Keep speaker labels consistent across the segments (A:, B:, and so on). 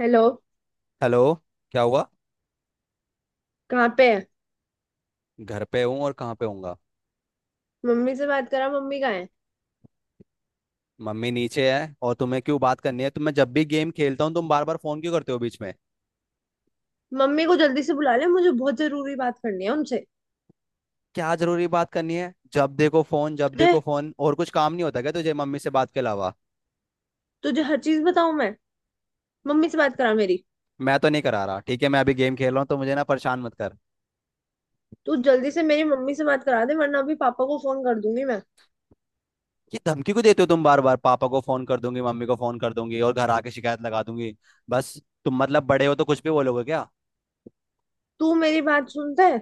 A: Hello.
B: Hello. क्या हुआ।
A: कहाँ पे है?
B: घर पे हूँ और कहाँ पे होऊंगा।
A: मम्मी से बात करा, मम्मी कहाँ है?
B: मम्मी नीचे है और तुम्हें क्यों बात करनी है? तो मैं जब भी गेम खेलता हूँ तुम बार बार फोन क्यों करते हो बीच में?
A: मम्मी को जल्दी से बुला ले, मुझे बहुत जरूरी बात करनी है उनसे।
B: क्या जरूरी बात करनी है? जब देखो फोन, जब
A: तुझे
B: देखो फोन, और कुछ काम नहीं होता क्या तुझे मम्मी से बात के अलावा?
A: तुझे हर चीज बताऊं मैं? मम्मी से बात करा मेरी।
B: मैं तो नहीं करा रहा, ठीक है। मैं अभी गेम खेल रहा हूँ तो मुझे ना परेशान मत कर।
A: तू जल्दी से मेरी मम्मी से बात करा दे, वरना अभी पापा को फोन कर दूंगी मैं।
B: ये धमकी क्यों देते हो तुम बार बार, पापा को फोन कर दूंगी, मम्मी को फोन कर दूंगी और घर आके शिकायत लगा दूंगी। बस। तुम मतलब बड़े हो तो कुछ भी बोलोगे क्या?
A: तू मेरी बात सुनता है?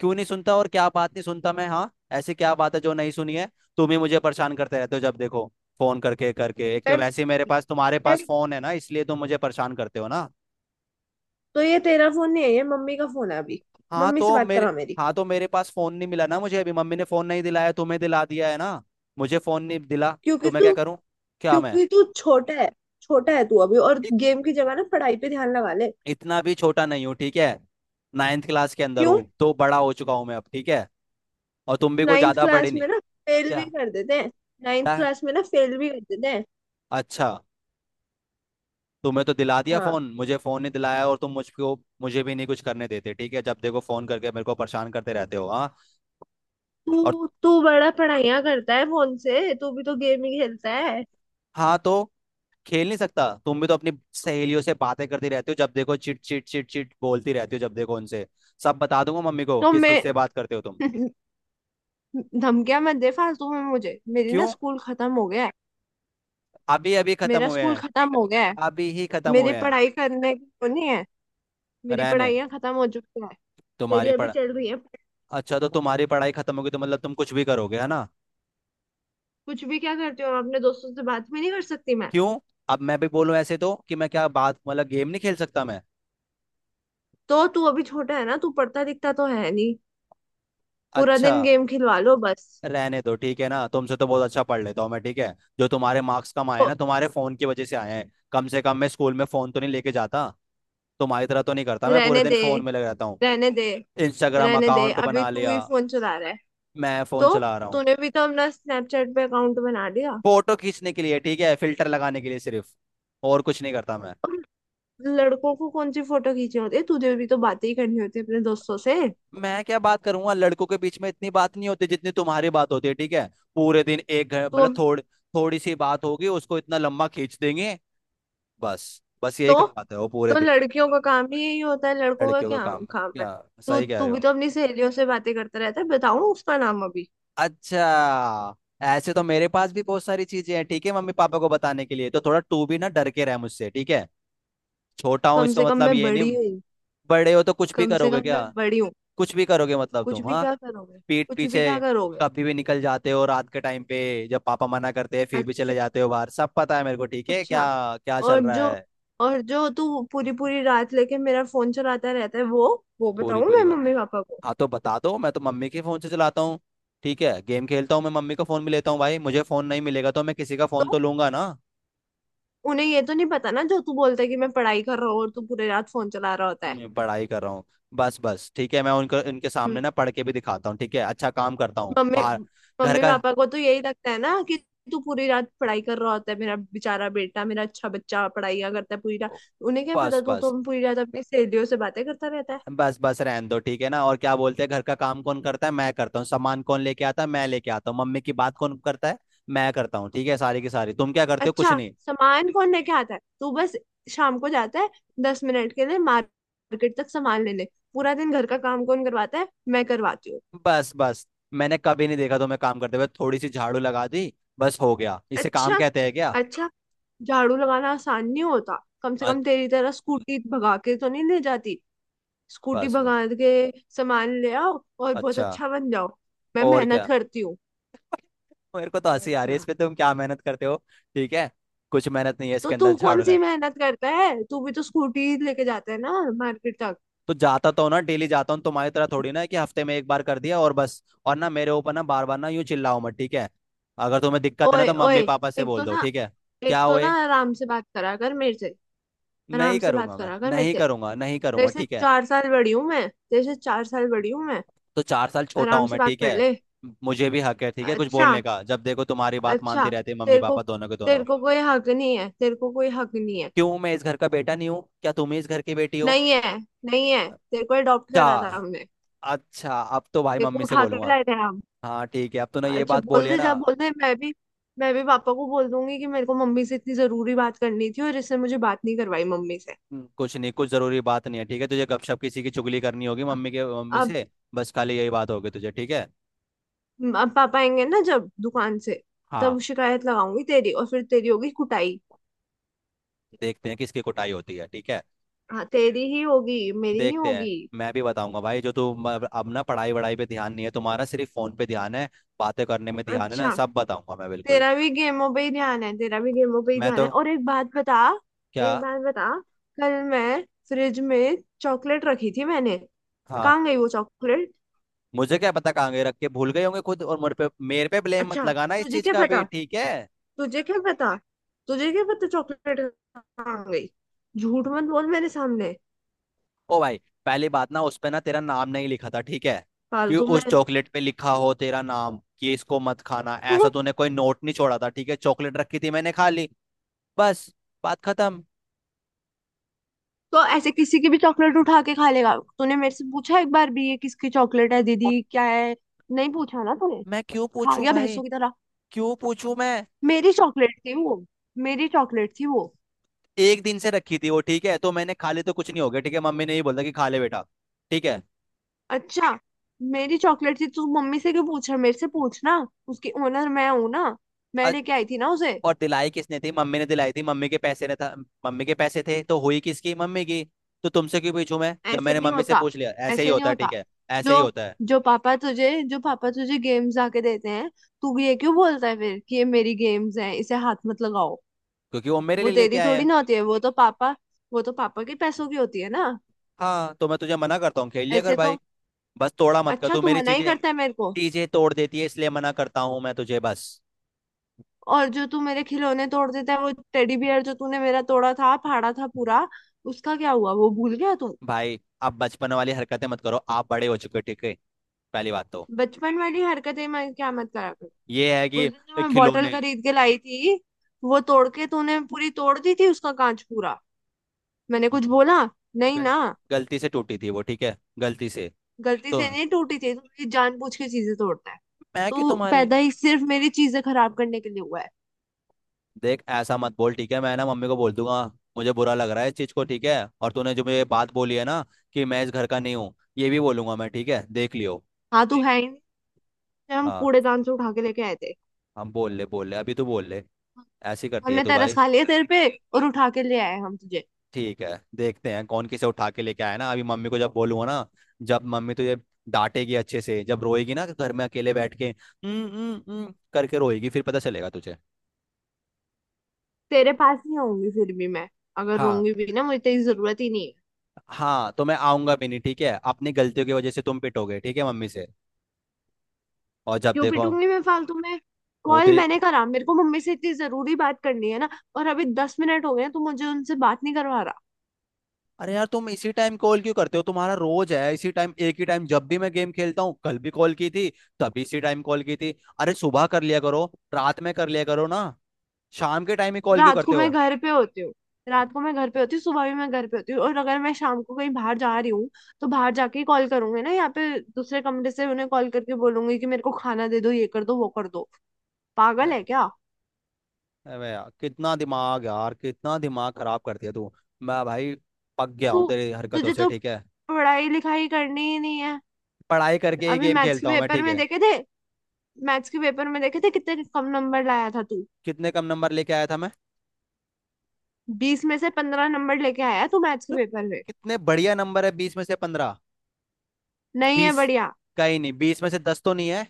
B: क्यों नहीं सुनता? और क्या बात नहीं सुनता मैं? हाँ, ऐसी क्या बात है जो नहीं सुनी है? तुम ही मुझे परेशान करते रहते हो जब देखो। फोन करके करके, एक तो
A: मैं
B: वैसे ही मेरे पास, तुम्हारे पास
A: मैं-
B: फोन है ना इसलिए तुम मुझे परेशान करते हो ना।
A: तो ये तेरा फोन नहीं है, ये मम्मी का फोन है अभी।
B: हाँ
A: मम्मी से
B: तो
A: बात
B: मेरे
A: करा मेरी।
B: हाँ तो मेरे पास फोन नहीं मिला ना, मुझे अभी मम्मी ने फोन नहीं दिलाया, तुम्हें दिला दिया है ना। मुझे फोन नहीं दिला तो
A: क्योंकि
B: मैं क्या
A: तू
B: करूँ? क्या मैं।
A: क्योंकि तू छोटा है। छोटा है तू अभी, और
B: इत,
A: गेम की जगह ना पढ़ाई पे ध्यान लगा ले।
B: इतना भी छोटा नहीं हूँ, ठीक है। 9th क्लास के अंदर
A: क्यों?
B: हूँ तो बड़ा हो चुका हूँ मैं अब, ठीक है। और तुम भी कोई
A: नाइन्थ
B: ज्यादा बड़े
A: क्लास
B: नहीं।
A: में ना फेल भी
B: क्या?
A: कर देते हैं। नाइन्थ
B: क्या?
A: क्लास में ना फेल भी कर देते हैं।
B: अच्छा। तुम्हें तो दिला दिया
A: हाँ।
B: फोन, मुझे फोन नहीं दिलाया और तुम मुझको। मुझे भी नहीं कुछ करने देते, ठीक है। जब देखो फोन करके मेरे को परेशान करते रहते हो। हाँ। और।
A: तू तू बड़ा पढ़ाइयाँ करता है फोन से? तू भी तो गेम ही खेलता है।
B: हाँ तो खेल नहीं सकता? तुम भी तो अपनी सहेलियों से बातें करती रहती हो जब देखो, चिट चिट चिट चिट बोलती रहती हो जब देखो उनसे। सब बता दूंगा मम्मी को
A: तो
B: किस
A: मैं
B: किस से बात करते हो तुम।
A: धमकियां मत दे फालतू में मुझे। मेरी ना,
B: क्यों?
A: स्कूल खत्म हो गया है।
B: अभी अभी खत्म
A: मेरा
B: हुए
A: स्कूल
B: हैं?
A: खत्म हो गया है।
B: अभी ही खत्म
A: मेरी
B: हुए हैं।
A: पढ़ाई करने की वो नहीं है। मेरी
B: रहने।
A: पढ़ाइयाँ खत्म हो चुकी है। तेरी
B: तुम्हारी
A: अभी
B: पढ़।
A: चल रही है।
B: अच्छा तो तुम्हारी पढ़ाई खत्म होगी तो मतलब तुम कुछ भी करोगे है ना?
A: कुछ भी क्या करती हूँ? अपने दोस्तों से बात भी नहीं कर सकती मैं?
B: क्यों? अब मैं भी बोलूं ऐसे तो कि मैं क्या बात मतलब गेम नहीं खेल सकता मैं?
A: तो तू अभी छोटा है ना, तू पढ़ता लिखता तो है नहीं। पूरा
B: अच्छा,
A: दिन गेम खिलवा लो बस।
B: रहने दो, ठीक है ना। तुमसे तो बहुत अच्छा पढ़ लेता हूँ मैं, ठीक है। जो तुम्हारे मार्क्स कम आए हैं
A: तो
B: ना तुम्हारे फोन की वजह से आए हैं। कम से कम मैं स्कूल में फोन तो नहीं लेके जाता। तुम्हारी तरह तो नहीं करता मैं पूरे
A: रहने
B: दिन
A: दे।
B: फोन में लग रहता हूँ।
A: रहने दे,
B: इंस्टाग्राम
A: रहने दे
B: अकाउंट
A: अभी
B: बना
A: तू
B: लिया।
A: ही फोन चला रहा है।
B: मैं फोन
A: तो
B: चला रहा हूँ
A: तूने भी तो अपना स्नैपचैट पे अकाउंट बना लिया।
B: फोटो खींचने के लिए, ठीक है, फिल्टर लगाने के लिए सिर्फ। और कुछ नहीं करता मैं।
A: और लड़कों को कौन सी फोटो खींचनी होती है? तुझे भी तो बातें ही करनी होती है अपने दोस्तों से।
B: मैं क्या बात करूंगा? लड़कों के बीच में इतनी बात नहीं होती जितनी तुम्हारी बात होती है, ठीक है। पूरे दिन एक
A: तो
B: मतलब
A: अब-
B: थोड़ी, थोड़ी सी बात होगी उसको इतना लंबा खींच देंगे। बस। बस यही
A: तो
B: करवाते हो पूरे
A: तो
B: दिन।
A: लड़कियों का काम ही यही होता है, लड़कों का
B: लड़कियों का
A: क्या
B: काम है
A: काम है?
B: क्या?
A: तू
B: सही कह
A: तू
B: रहे
A: भी
B: हो।
A: तो अपनी सहेलियों से बातें करता रहता है, बताऊं उसका नाम अभी?
B: अच्छा। ऐसे तो मेरे पास भी बहुत सारी चीजें हैं, ठीक है, मम्मी पापा को बताने के लिए। तो थोड़ा तू भी ना डर के रह मुझसे, ठीक है। छोटा हूँ
A: कम
B: इसका
A: से कम
B: मतलब
A: मैं
B: ये नहीं।
A: बड़ी हूँ।
B: बड़े हो तो कुछ भी
A: कम से
B: करोगे
A: कम
B: क्या?
A: मैं बड़ी हूँ।
B: कुछ भी करोगे मतलब
A: कुछ
B: तुम?
A: भी
B: हाँ,
A: क्या करोगे?
B: पीठ
A: कुछ भी
B: पीछे
A: क्या करोगे?
B: कभी भी निकल जाते हो रात के टाइम पे। जब पापा मना करते हैं फिर भी चले
A: अच्छा।
B: जाते हो बाहर, सब पता है मेरे को, ठीक है क्या?
A: अच्छा।
B: क्या
A: और
B: चल रहा
A: जो
B: है?
A: और जो तू पूरी पूरी रात लेके मेरा फोन चलाता रहता है, वो
B: पूरी
A: बताऊं
B: पूरी
A: मैं
B: बंद है।
A: मम्मी पापा को?
B: हाँ तो बता दो, मैं तो मम्मी के फोन से चलाता हूँ, ठीक है। गेम खेलता हूँ मैं, मम्मी का फोन भी लेता हूँ भाई, मुझे फोन नहीं मिलेगा तो मैं किसी का फोन
A: तो
B: तो लूंगा ना।
A: उन्हें ये तो नहीं पता ना, जो तू बोलता है कि मैं पढ़ाई कर रहा हूँ, और तू पूरी रात फोन चला रहा होता है।
B: मैं पढ़ाई कर रहा हूँ। बस बस, ठीक है, मैं उनका उनके सामने
A: हम्म,
B: ना पढ़ के भी दिखाता हूँ, ठीक है। अच्छा काम करता हूँ
A: मम्मी
B: बाहर। घर
A: मम्मी
B: का।
A: पापा को तो यही लगता है ना कि तू पूरी रात पढ़ाई कर रहा होता है। मेरा बेचारा बेटा, मेरा अच्छा बच्चा पढ़ाइयाँ करता है पूरी रात। उन्हें क्या पता,
B: बस
A: तू तो
B: बस,
A: पूरी रात अपनी सहेलियों से बातें करता रहता है।
B: बस बस, रहने दो ठीक है ना। और क्या बोलते हैं, घर का काम कौन करता है? मैं करता हूँ। सामान कौन लेके आता है? मैं लेके आता हूँ। मम्मी की बात कौन करता है? मैं करता हूँ, ठीक है। सारी की सारी तुम क्या करते हो? कुछ
A: अच्छा।
B: नहीं।
A: सामान कौन लेके आता है? तू बस शाम को जाता है 10 मिनट के लिए मार्केट तक सामान लेने। पूरा दिन घर का काम कौन करवाता है? मैं करवाती हूँ।
B: बस बस। मैंने कभी नहीं देखा तुम्हें काम करते हुए, थोड़ी सी झाड़ू लगा दी बस हो गया, इसे काम
A: अच्छा।
B: कहते हैं क्या?
A: अच्छा। झाड़ू लगाना आसान नहीं होता। कम से
B: अ-
A: कम तेरी तरह स्कूटी भगा के तो नहीं ले जाती। स्कूटी
B: बस बस।
A: भगा के सामान ले आओ और बहुत
B: अच्छा।
A: अच्छा बन जाओ। मैं
B: और
A: मेहनत
B: क्या।
A: करती हूँ।
B: मेरे को तो
A: और
B: हंसी आ रही है इस
A: क्या।
B: पे, तुम क्या मेहनत करते हो? ठीक है, कुछ मेहनत नहीं है
A: तो
B: इसके अंदर
A: तू कौन
B: झाड़ू
A: सी
B: लगा।
A: मेहनत करता है? तू भी तो स्कूटी लेके जाता है ना मार्केट तक।
B: तो जाता तो हूं ना, डेली जाता हूँ, तुम्हारी तरह थोड़ी ना है कि हफ्ते में एक बार कर दिया और बस। और ना मेरे ऊपर ना बार बार ना यूं चिल्लाओ मत, ठीक है। अगर तुम्हें दिक्कत है ना
A: ओए
B: तो
A: ओए,
B: मम्मी पापा से
A: एक
B: बोल
A: तो
B: दो,
A: ना
B: ठीक है।
A: एक
B: क्या
A: तो ना
B: हुए?
A: आराम से बात करा कर मेरे से।
B: नहीं
A: आराम से बात
B: करूंगा मैं,
A: करा कर मेरे
B: नहीं
A: से।
B: करूंगा, नहीं
A: तेरे
B: करूंगा,
A: से
B: ठीक है।
A: 4 साल बड़ी हूँ मैं, तेरे से 4 साल बड़ी हूँ मैं।
B: तो 4 साल छोटा हूं
A: आराम से
B: मैं,
A: बात
B: ठीक है।
A: कर ले।
B: मुझे भी हक है, ठीक है, कुछ
A: अच्छा।
B: बोलने का। जब देखो तुम्हारी बात मानते
A: अच्छा।
B: रहते हैं मम्मी
A: तेरे को
B: पापा दोनों के दोनों।
A: तेरे को कोई हक नहीं है, तेरे को कोई हक नहीं है।
B: क्यों मैं इस घर का बेटा नहीं हूँ क्या? तुम ही इस घर की बेटी हो?
A: नहीं है। नहीं है, तेरे को अडॉप्ट
B: अच्छा,
A: करा था हमने।
B: अच्छा, अब तो भाई
A: तेरे को
B: मम्मी से
A: उठा के
B: बोलूंगा।
A: लाए थे हम।
B: हाँ ठीक है, अब तूने ये
A: अच्छा
B: बात
A: बोल
B: बोली है
A: दे,
B: ना।
A: जा बोल दे। मैं भी पापा को बोल दूंगी कि मेरे को मम्मी से इतनी जरूरी बात करनी थी, और इसने मुझे बात नहीं करवाई मम्मी से।
B: कुछ नहीं, कुछ जरूरी बात नहीं है, ठीक है। तुझे गपशप किसी की चुगली करनी होगी मम्मी के, मम्मी से। बस खाली यही बात होगी तुझे, ठीक है।
A: पापा आएंगे ना जब दुकान से,
B: हाँ।
A: तब शिकायत लगाऊंगी तेरी, और फिर तेरी होगी कुटाई।
B: देखते हैं किसकी कुटाई होती है, ठीक है।
A: हाँ, तेरी ही होगी, मेरी नहीं
B: देखते हैं।
A: होगी।
B: मैं भी बताऊंगा भाई, जो तू अब ना पढ़ाई वढ़ाई पे ध्यान नहीं है तुम्हारा, सिर्फ फोन पे ध्यान है, बातें करने में ध्यान है ना।
A: अच्छा।
B: सब बताऊंगा मैं बिल्कुल।
A: तेरा भी गेमों पे ही ध्यान है। तेरा भी गेमों पे ही
B: मैं
A: ध्यान है,
B: तो।
A: और एक बात बता।
B: क्या।
A: एक बात बता। कल मैं, फ्रिज में चॉकलेट रखी थी मैंने।
B: हाँ,
A: कहाँ गई वो चॉकलेट?
B: मुझे क्या पता कहाँ गए, रख के भूल गए होंगे खुद, और मेरे पे ब्लेम मत
A: अच्छा।
B: लगाना इस
A: तुझे
B: चीज
A: क्या
B: का भी,
A: पता,
B: ठीक है।
A: तुझे क्या पता, तुझे क्या पता चॉकलेट कहाँ गई? झूठ मत बोल मेरे सामने
B: ओ भाई, पहली बात, ना उस पे ना तेरा नाम नहीं लिखा था, ठीक है, कि
A: फालतू में।
B: उस चॉकलेट पे लिखा हो तेरा नाम कि इसको मत खाना, ऐसा
A: तो
B: तूने कोई नोट नहीं छोड़ा था, ठीक है। चॉकलेट रखी थी मैंने खा ली। बस, बात खत्म।
A: तो ऐसे किसी की भी चॉकलेट उठा के खा लेगा? तूने मेरे से पूछा एक बार भी, ये किसकी चॉकलेट है,
B: अब
A: दीदी क्या है? नहीं पूछा ना तूने।
B: मैं क्यों
A: खा
B: पूछूं
A: गया
B: भाई,
A: भैंसों की तरह।
B: क्यों पूछूं मैं।
A: मेरी चॉकलेट थी वो। मेरी चॉकलेट थी वो।
B: एक दिन से रखी थी वो, ठीक है, तो मैंने खा ली तो कुछ नहीं हो गया, ठीक है। मम्मी ने ये बोला कि खा ले बेटा, ठीक है।
A: अच्छा। मेरी चॉकलेट थी, तू मम्मी से क्यों पूछ रहा? मेरे से पूछना, उसकी ओनर मैं हूं ना। मैं
B: अ-
A: लेके आई थी ना उसे।
B: और दिलाई किसने थी, मम्मी ने दिलाई थी, मम्मी के पैसे ने था, मम्मी के पैसे थे तो हुई किसकी? मम्मी की। तो तुमसे क्यों पूछूं मैं जब
A: ऐसे
B: मैंने
A: नहीं
B: मम्मी से
A: होता।
B: पूछ लिया, ऐसे ही
A: ऐसे नहीं
B: होता है,
A: होता।
B: ठीक है। ऐसे
A: जो
B: ही होता है
A: जो पापा तुझे गेम्स आके देते हैं, तू भी ये क्यों बोलता है फिर कि ये मेरी गेम्स है, इसे हाथ मत लगाओ?
B: क्योंकि वो मेरे
A: वो
B: लिए लेके
A: तेरी
B: आए
A: थोड़ी
B: हैं।
A: ना होती है, वो तो पापा के पैसों की होती है ना।
B: हाँ तो मैं तुझे मना करता हूँ खेल लिया कर
A: ऐसे
B: भाई,
A: तो।
B: बस तोड़ा मत कर
A: अच्छा,
B: तू
A: तू
B: मेरी
A: मना ही
B: चीजें।
A: करता है मेरे को?
B: चीजें तोड़ देती है इसलिए मना करता हूँ मैं तुझे, बस।
A: और जो तू मेरे खिलौने तोड़ देता है, वो टेडी बियर जो तूने मेरा तोड़ा था, फाड़ा था पूरा, उसका क्या हुआ? वो भूल गया तू?
B: भाई आप बचपन वाली हरकतें मत करो, आप बड़े हो चुके हो, ठीक है। पहली बात तो
A: बचपन वाली हरकतें मैं क्या मत करा कर?
B: ये है
A: उस
B: कि
A: दिन जो मैं बॉटल
B: खिलौने।
A: खरीद के लाई थी, वो तोड़ के तूने पूरी तोड़ दी थी, उसका कांच पूरा। मैंने कुछ बोला नहीं
B: गल,
A: ना?
B: गलती से टूटी थी वो, ठीक है, गलती से।
A: गलती
B: तो
A: से नहीं टूटी थी, तू मेरी जानबूझ के चीजें तोड़ता है।
B: मैं कि
A: तू
B: तुम्हारे
A: पैदा ही सिर्फ मेरी चीजें खराब करने के लिए हुआ है।
B: देख ऐसा मत बोल, ठीक है। मैं ना मम्मी को बोल दूंगा, मुझे बुरा लग रहा है इस चीज को, ठीक है। और तूने जो मुझे बात बोली है ना कि मैं इस घर का नहीं हूँ, ये भी बोलूंगा मैं, ठीक है, देख लियो।
A: हाँ, तू है ही नहीं। जब हम
B: हाँ,
A: कूड़ेदान से उठा के लेके आए थे।
B: हम बोल ले अभी तू बोल ले, ऐसी करती है
A: हमने
B: तू
A: तरस
B: भाई।
A: खा लिया तेरे पे, और उठा के ले आए हम तुझे।
B: ठीक है, देखते हैं कौन किसे उठा के लेके आया ना, अभी मम्मी को जब बोलूंगा ना, जब मम्मी तुझे डांटेगी अच्छे से, जब रोएगी ना घर में अकेले बैठ के करके रोएगी फिर पता चलेगा तुझे।
A: तेरे पास नहीं होंगी, फिर भी मैं अगर
B: हाँ।
A: रोंगी भी ना, मुझे तेरी जरूरत ही नहीं है।
B: हाँ तो मैं आऊंगा भी नहीं, ठीक है। अपनी गलतियों की वजह से तुम पिटोगे, ठीक है, मम्मी से। और जब
A: क्यों
B: देखो।
A: पिटूंगी मैं फालतू में?
B: वो
A: कॉल
B: देख,
A: मैंने करा, मेरे को मम्मी से इतनी जरूरी बात करनी है ना, और अभी 10 मिनट हो गए हैं, तू मुझे उनसे बात नहीं करवा रहा।
B: अरे यार, तुम इसी टाइम कॉल क्यों करते हो? तुम्हारा रोज है इसी टाइम, एक ही टाइम, जब भी मैं गेम खेलता हूँ, कल भी कॉल की थी, तभी इसी टाइम कॉल की थी। अरे सुबह कर लिया करो, रात में कर लिया करो ना, शाम के टाइम ही कॉल क्यों
A: रात को
B: करते
A: मैं
B: हो?
A: घर पे होती हूँ। रात को मैं घर पे होती हूँ, सुबह भी मैं घर पे होती हूँ, और अगर मैं शाम को कहीं बाहर जा रही हूँ, तो बाहर जाके ही कॉल करूंगी ना। यहाँ पे दूसरे कमरे से उन्हें कॉल करके बोलूंगी कि मेरे को खाना दे दो, ये कर दो, वो कर दो। पागल
B: अ-
A: है क्या?
B: अबे यार कितना दिमाग, यार कितना दिमाग खराब करती है तू। मैं भाई पक गया
A: तू
B: हूँ तेरी हरकतों
A: तुझे
B: से,
A: तो
B: ठीक है।
A: पढ़ाई लिखाई करनी ही नहीं है।
B: पढ़ाई करके ही
A: अभी
B: गेम
A: मैथ्स के
B: खेलता हूँ मैं,
A: पेपर
B: ठीक
A: में
B: है।
A: देखे थे मैथ्स के पेपर में देखे थे, कितने कम नंबर लाया था तू।
B: कितने कम नंबर लेके आया था मैं?
A: बीस में से 15 नंबर लेके आया तू मैथ्स के
B: मतलब
A: पेपर में।
B: कितने बढ़िया नंबर है, 20 में से 15।
A: नहीं है
B: 20
A: बढ़िया।
B: का ही नहीं, 20 में से 10 तो नहीं है।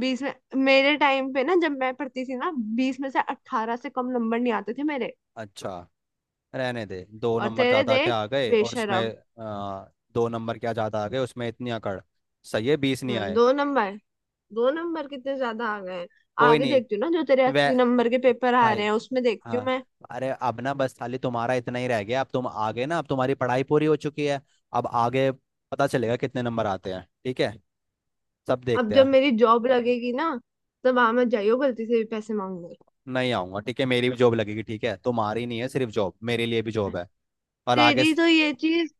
A: बीस में मेरे टाइम पे ना, जब मैं पढ़ती थी ना, 20 में से 18 से कम नंबर नहीं आते थे मेरे।
B: अच्छा, रहने दे, दो
A: और
B: नंबर
A: तेरे,
B: ज्यादा क्या
A: देख
B: आ गए और उसमें।
A: बेशरम।
B: आ, 2 नंबर क्या ज्यादा आ गए उसमें इतनी अकड़। सही है 20 नहीं
A: हाँ,
B: आए।
A: 2 नंबर कितने ज्यादा आ गए हैं।
B: कोई
A: आगे
B: नहीं।
A: देखती हूँ ना, जो तेरे
B: वे
A: 80 नंबर के पेपर आ रहे
B: भाई,
A: हैं, उसमें देखती हूँ
B: हाँ,
A: मैं।
B: अरे अब ना बस खाली तुम्हारा इतना ही रह गया, अब तुम आ गए ना, अब तुम्हारी पढ़ाई पूरी हो चुकी है। अब आगे पता चलेगा कितने नंबर आते हैं, ठीक है, सब
A: अब
B: देखते
A: जब
B: हैं।
A: मेरी जॉब लगेगी ना, तब आ मत जाइयो गलती से भी पैसे मांगने।
B: नहीं आऊंगा, ठीक है। मेरी भी जॉब लगेगी, ठीक है, तुम्हारी नहीं है सिर्फ जॉब, मेरे लिए भी जॉब है। और आगे।
A: तेरी तो ये चीज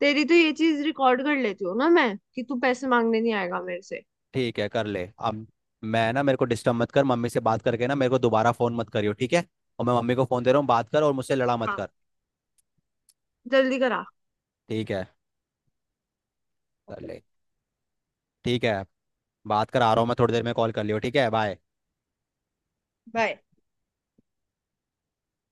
A: तेरी तो ये चीज रिकॉर्ड कर लेती हूँ ना मैं, कि तू पैसे मांगने नहीं आएगा मेरे से।
B: ठीक है, कर ले। अब मैं ना, मेरे को डिस्टर्ब मत कर, मम्मी से बात करके ना मेरे को दोबारा फोन मत करियो, ठीक है। और मैं मम्मी को फोन दे रहा हूँ, बात कर और मुझसे लड़ा मत
A: हाँ,
B: कर।
A: जल्दी करा।
B: ठीक है, कर
A: ओके।
B: ले। ठीक है, बात कर, आ रहा हूँ मैं थोड़ी देर में, कॉल कर लियो, ठीक है, बाय।
A: बाय।